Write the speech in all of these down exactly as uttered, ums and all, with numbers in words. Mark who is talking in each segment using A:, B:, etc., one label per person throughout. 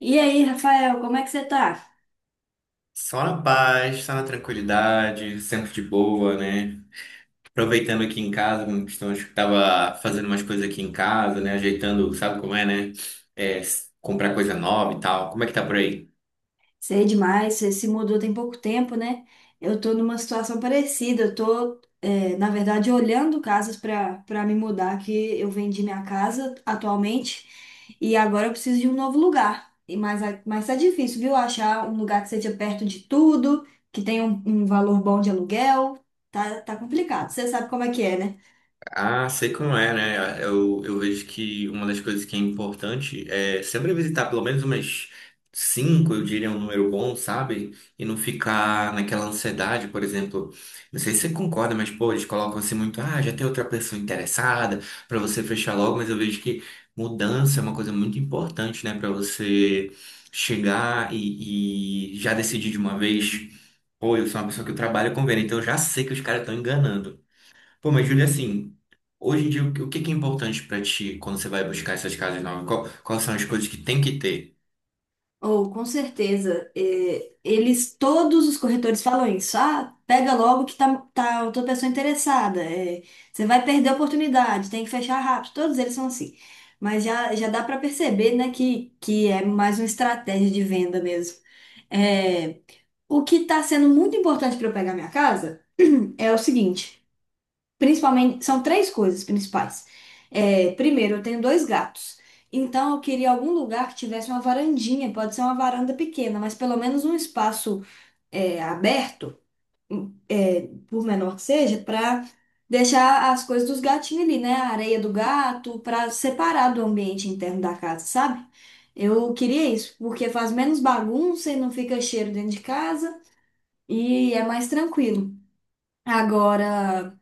A: E aí, Rafael, como é que você tá?
B: Só na paz, só na tranquilidade, sempre de boa, né? Aproveitando aqui em casa, como estamos, tava fazendo umas coisas aqui em casa, né? Ajeitando, sabe como é, né? É, s- comprar coisa nova e tal. Como é que tá por aí?
A: Sei demais, você se mudou tem pouco tempo, né? Eu tô numa situação parecida, eu tô, é, na verdade, olhando casas para para me mudar, que eu vendi minha casa atualmente e agora eu preciso de um novo lugar. E mas, a- mas tá difícil, viu? Achar um lugar que seja perto de tudo, que tenha um, um valor bom de aluguel, tá, tá complicado. Você sabe como é que é, né?
B: Ah, sei como é, né? Eu, eu vejo que uma das coisas que é importante é sempre visitar pelo menos umas cinco, eu diria, um número bom, sabe? E não ficar naquela ansiedade, por exemplo. Não sei se você concorda, mas, pô, eles colocam assim muito, ah, já tem outra pessoa interessada, pra você fechar logo, mas eu vejo que mudança é uma coisa muito importante, né? Pra você chegar e, e já decidir de uma vez. Pô, eu sou uma pessoa que eu trabalho com venda, então eu já sei que os caras estão enganando. Pô, mas Júlia, assim, hoje em dia, o que o que que é importante pra ti quando você vai buscar essas casas novas? Qual- quais são as coisas que tem que ter?
A: Ou, com certeza, é, eles, todos os corretores falam isso. Ah, pega logo que tá, tá outra pessoa interessada. É, você vai perder a oportunidade, tem que fechar rápido. Todos eles são assim. Mas já, já dá para perceber, né, que, que é mais uma estratégia de venda mesmo. É, o que está sendo muito importante para eu pegar minha casa hum, é o seguinte. Principalmente, são três coisas principais. É, primeiro, eu tenho dois gatos. Então, eu queria algum lugar que tivesse uma varandinha. Pode ser uma varanda pequena, mas pelo menos um espaço é, aberto, é, por menor que seja, para deixar as coisas dos gatinhos ali, né? A areia do gato, para separar do ambiente interno da casa, sabe? Eu queria isso, porque faz menos bagunça e não fica cheiro dentro de casa e é mais tranquilo. Agora.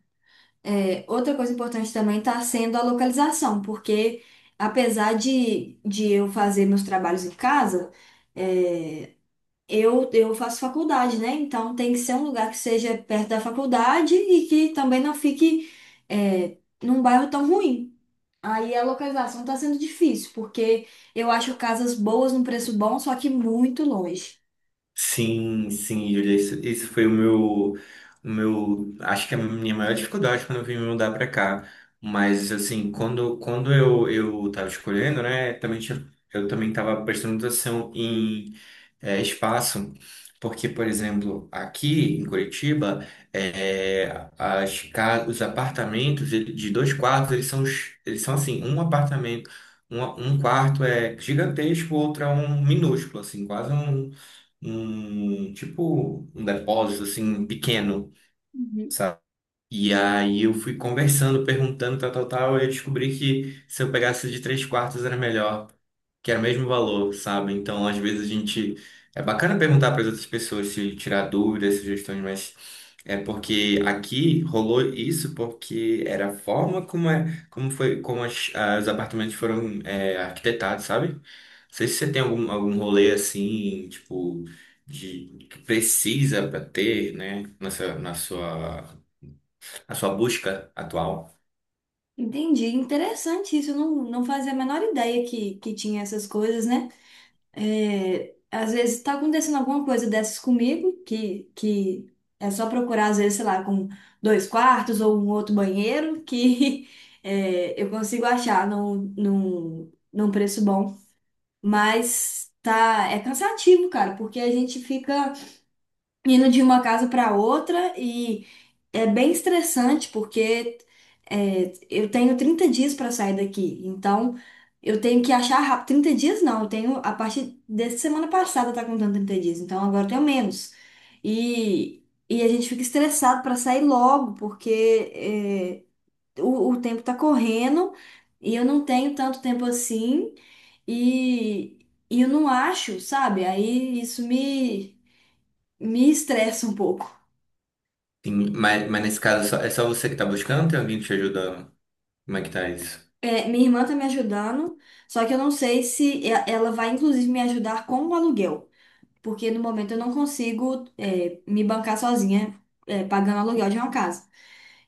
A: É, outra coisa importante também está sendo a localização, porque apesar de, de eu fazer meus trabalhos em casa, é, eu, eu faço faculdade, né? Então tem que ser um lugar que seja perto da faculdade e que também não fique, é, num bairro tão ruim. Aí a localização está sendo difícil, porque eu acho casas boas num preço bom, só que muito longe.
B: Sim, sim, Júlia, isso, isso foi o meu, o meu, acho que é a minha maior dificuldade quando eu vim me mudar pra cá. Mas, assim, quando, quando eu, eu tava escolhendo, né, também tinha, eu também tava prestando atenção em é, espaço, porque, por exemplo, aqui em Curitiba, é, as ca- os apartamentos ele- de dois quartos, eles são, os- eles são assim, um apartamento, um, um quarto é gigantesco, o outro é um minúsculo, assim, quase um, um tipo um depósito assim pequeno.
A: Uhum.
B: E aí eu fui conversando, perguntando, tal, tal, tal, e eu descobri que se eu pegasse de três quartos era melhor, que era o mesmo valor, sabe? Então, às vezes a gente. É bacana perguntar para as outras pessoas se tirar dúvidas, sugestões, mas é porque aqui rolou isso porque era a forma como, é, como foi, como as, ah, os apartamentos foram é, arquitetados, sabe? Não sei se você tem algum, algum rolê assim, tipo, de que precisa para ter, né, na sua, na sua a sua busca atual.
A: Entendi, interessante isso. Eu não, não fazia a menor ideia que, que tinha essas coisas, né? É, às vezes está acontecendo alguma coisa dessas comigo, que, que é só procurar, às vezes, sei lá, com dois quartos ou um outro banheiro, que é, eu consigo achar num, num, num preço bom. Mas tá, é cansativo, cara, porque a gente fica indo de uma casa para outra é bem estressante porque é, eu tenho trinta dias para sair daqui. Então, eu tenho que achar rápido. Trinta dias não, eu tenho a partir dessa semana passada tá contando trinta dias. Então, agora eu tenho menos. E, e a gente fica estressado para sair logo porque é, o, o tempo tá correndo e eu não tenho tanto tempo assim e, e eu não acho, sabe? Aí isso me, me estressa um pouco.
B: Tem- mas, mas nesse caso, é só- é só você que tá buscando? Tem alguém que te ajuda? Como é que tá isso?
A: É, minha irmã tá me ajudando, só que eu não sei se e- ela vai, inclusive, me ajudar com o aluguel, porque no momento eu não consigo, é, me bancar sozinha, é, pagando aluguel de uma casa.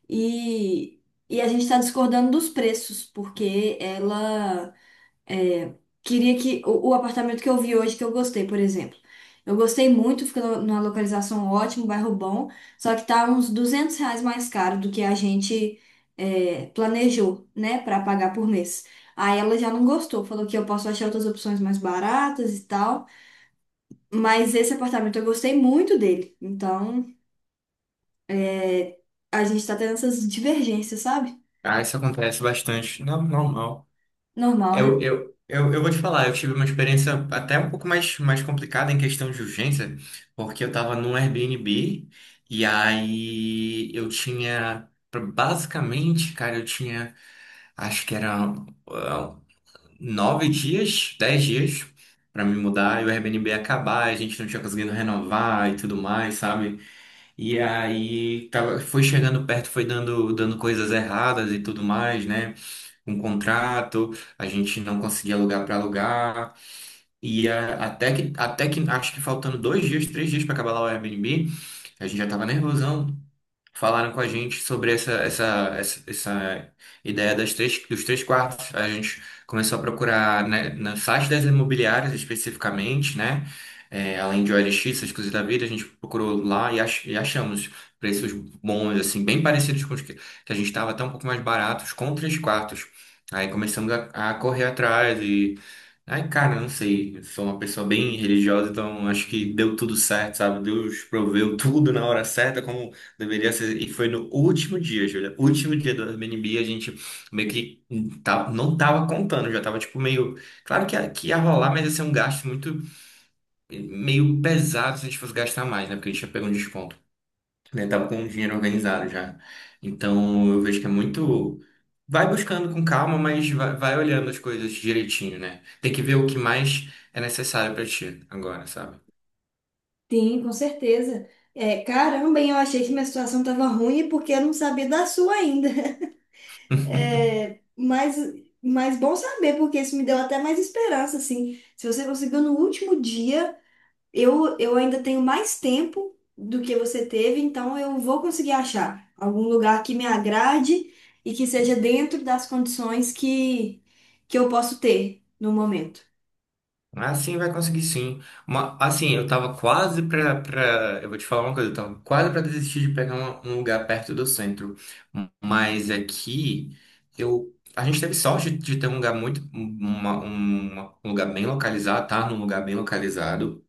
A: E, e a gente tá discordando dos preços, porque ela. É, Queria que o, o apartamento que eu vi hoje, que eu gostei, por exemplo. Eu gostei muito, fica no- numa localização ótima, um bairro bom, só que tá uns duzentos reais mais caro do que a gente é, planejou, né, para pagar por mês. Aí ela já não gostou, falou que eu posso achar outras opções mais baratas e tal, mas esse apartamento eu gostei muito dele. Então, é, a gente tá tendo essas divergências, sabe?
B: Ah, isso acontece bastante. Não, normal.
A: Normal,
B: Eu,
A: né?
B: eu, eu, eu vou te falar, eu tive uma experiência até um pouco mais, mais complicada em questão de urgência, porque eu tava num Airbnb e aí eu tinha, basicamente, cara, eu tinha, acho que era ah, nove dias, dez dias para me mudar e o Airbnb acabar, a gente não tinha conseguido renovar e tudo mais, sabe? E aí tava, foi chegando perto, foi dando, dando coisas erradas e tudo mais, né? Um contrato, a gente não conseguia alugar para alugar. E ah, até que, até que, acho que faltando dois dias, três dias para acabar lá o Airbnb, a gente já tava nervosão falaram com a gente sobre essa, essa, essa, essa ideia das três, dos três quartos. A gente começou a procurar, né, no site das imobiliárias especificamente, né? É, além de O L X, essas coisas da vida, a gente procurou lá e, ach, e achamos preços bons, assim, bem parecidos com os que, que a gente estava, até um pouco mais baratos, com três quartos. Aí começamos a, a correr atrás e. Ai, cara, não sei. Eu sou uma pessoa bem religiosa, então acho que deu tudo certo, sabe? Deus proveu tudo na hora certa, como deveria ser, e foi no último dia, Júlia. Último dia do Airbnb, a gente meio que tá- não tava contando, já tava tipo meio. Claro que, ia- que ia rolar, mas ia ser um gasto muito meio pesado se a gente fosse gastar mais, né? Porque a gente já pegou um desconto. Né? Tava com o dinheiro organizado já. Então eu vejo que é muito. Vai buscando com calma, mas vai, vai olhando as coisas direitinho, né? Tem que ver o que mais é necessário pra ti agora, sabe?
A: Sim, com certeza. É, caramba, hein, eu achei que minha situação estava ruim porque eu não sabia da sua ainda. É, mas, mas bom saber, porque isso me deu até mais esperança, assim. Se você conseguiu no último dia, eu, eu ainda tenho mais tempo do que você teve, então eu vou conseguir achar algum lugar que me agrade e que seja dentro das condições que, que eu posso ter no momento.
B: Ah, sim, vai conseguir sim. Uma- assim, eu tava quase pra, pra. Eu vou te falar uma coisa, eu tava quase pra desistir de pegar uma- um lugar perto do centro. Mas aqui, eu. A gente teve sorte de ter um lugar muito. uma- uma- um lugar bem localizado, tá? Num lugar bem localizado.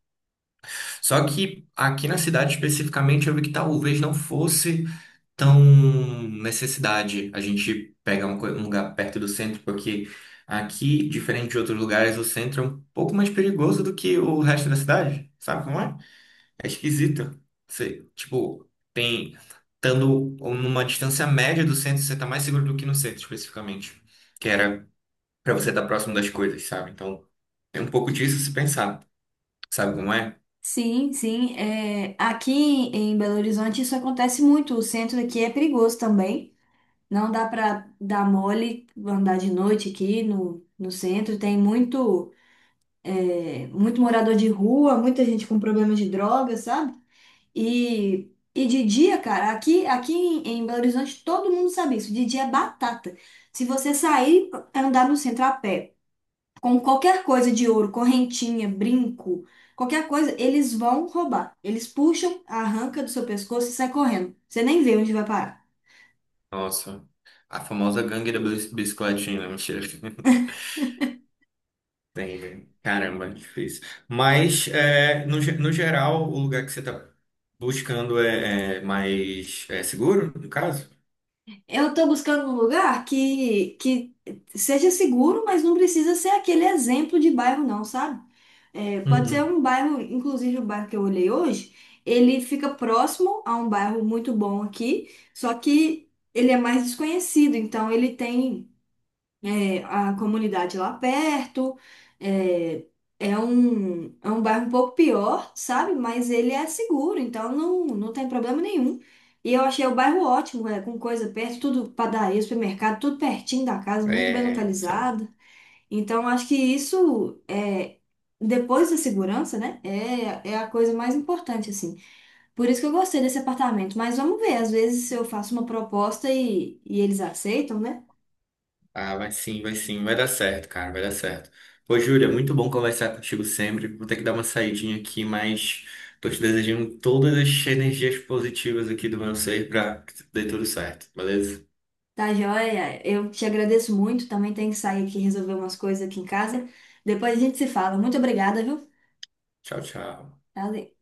B: Só que aqui na cidade especificamente, eu vi que talvez não fosse tão necessidade a gente pegar um, co- um lugar perto do centro, porque aqui, diferente de outros lugares, o centro é um pouco mais perigoso do que o resto da cidade, sabe como é? É esquisito. Você, tipo, tem, estando numa distância média do centro, você tá mais seguro do que no centro, especificamente, que era pra você estar próximo das coisas, sabe? Então, tem um pouco disso se pensar, sabe como é?
A: Sim, sim. É, aqui em Belo Horizonte isso acontece muito. O centro aqui é perigoso também. Não dá para dar mole, andar de noite aqui no, no centro. Tem muito, é, muito morador de rua, muita gente com problema de drogas, sabe? E, e de dia, cara, aqui, aqui em, em Belo Horizonte todo mundo sabe isso. De dia é batata. Se você sair, andar no centro a pé com qualquer coisa de ouro, correntinha, brinco, qualquer coisa, eles vão roubar. Eles puxam, arranca do seu pescoço e sai correndo. Você nem vê onde vai parar.
B: Nossa, a famosa gangue da bis- bicicletinha, né? Mentira. Tem, velho. Caramba, difícil. Mas, é, no, ge- no geral, o lugar que você está buscando é, é, mais é seguro, no caso?
A: Eu tô buscando um lugar que, que seja seguro, mas não precisa ser aquele exemplo de bairro, não, sabe? É, pode ser
B: Uhum.
A: um bairro, inclusive o bairro que eu olhei hoje, ele fica próximo a um bairro muito bom aqui, só que ele é mais desconhecido, então ele tem é, a comunidade lá perto. É, é um, é um bairro um pouco pior, sabe? Mas ele é seguro, então não, não tem problema nenhum. E eu achei o bairro ótimo, é, com coisa perto, tudo padaria, supermercado, tudo pertinho da casa, muito bem
B: É, isso-
A: localizado. Então acho que isso é. Depois da segurança, né? É, é a coisa mais importante, assim. Por isso que eu gostei desse apartamento. Mas vamos ver, às vezes eu faço uma proposta e, e eles aceitam, né?
B: ah, vai sim, vai sim, vai dar certo, cara, vai dar certo. Pô, Júlia, muito bom conversar contigo sempre. Vou ter que dar uma saidinha aqui, mas tô te desejando todas as energias positivas aqui do meu ser para que dê tudo certo, beleza?
A: Tá joia? Eu te agradeço muito. Também tenho que sair aqui e resolver umas coisas aqui em casa. Depois a gente se fala. Muito obrigada, viu?
B: Tchau, tchau.
A: Valeu.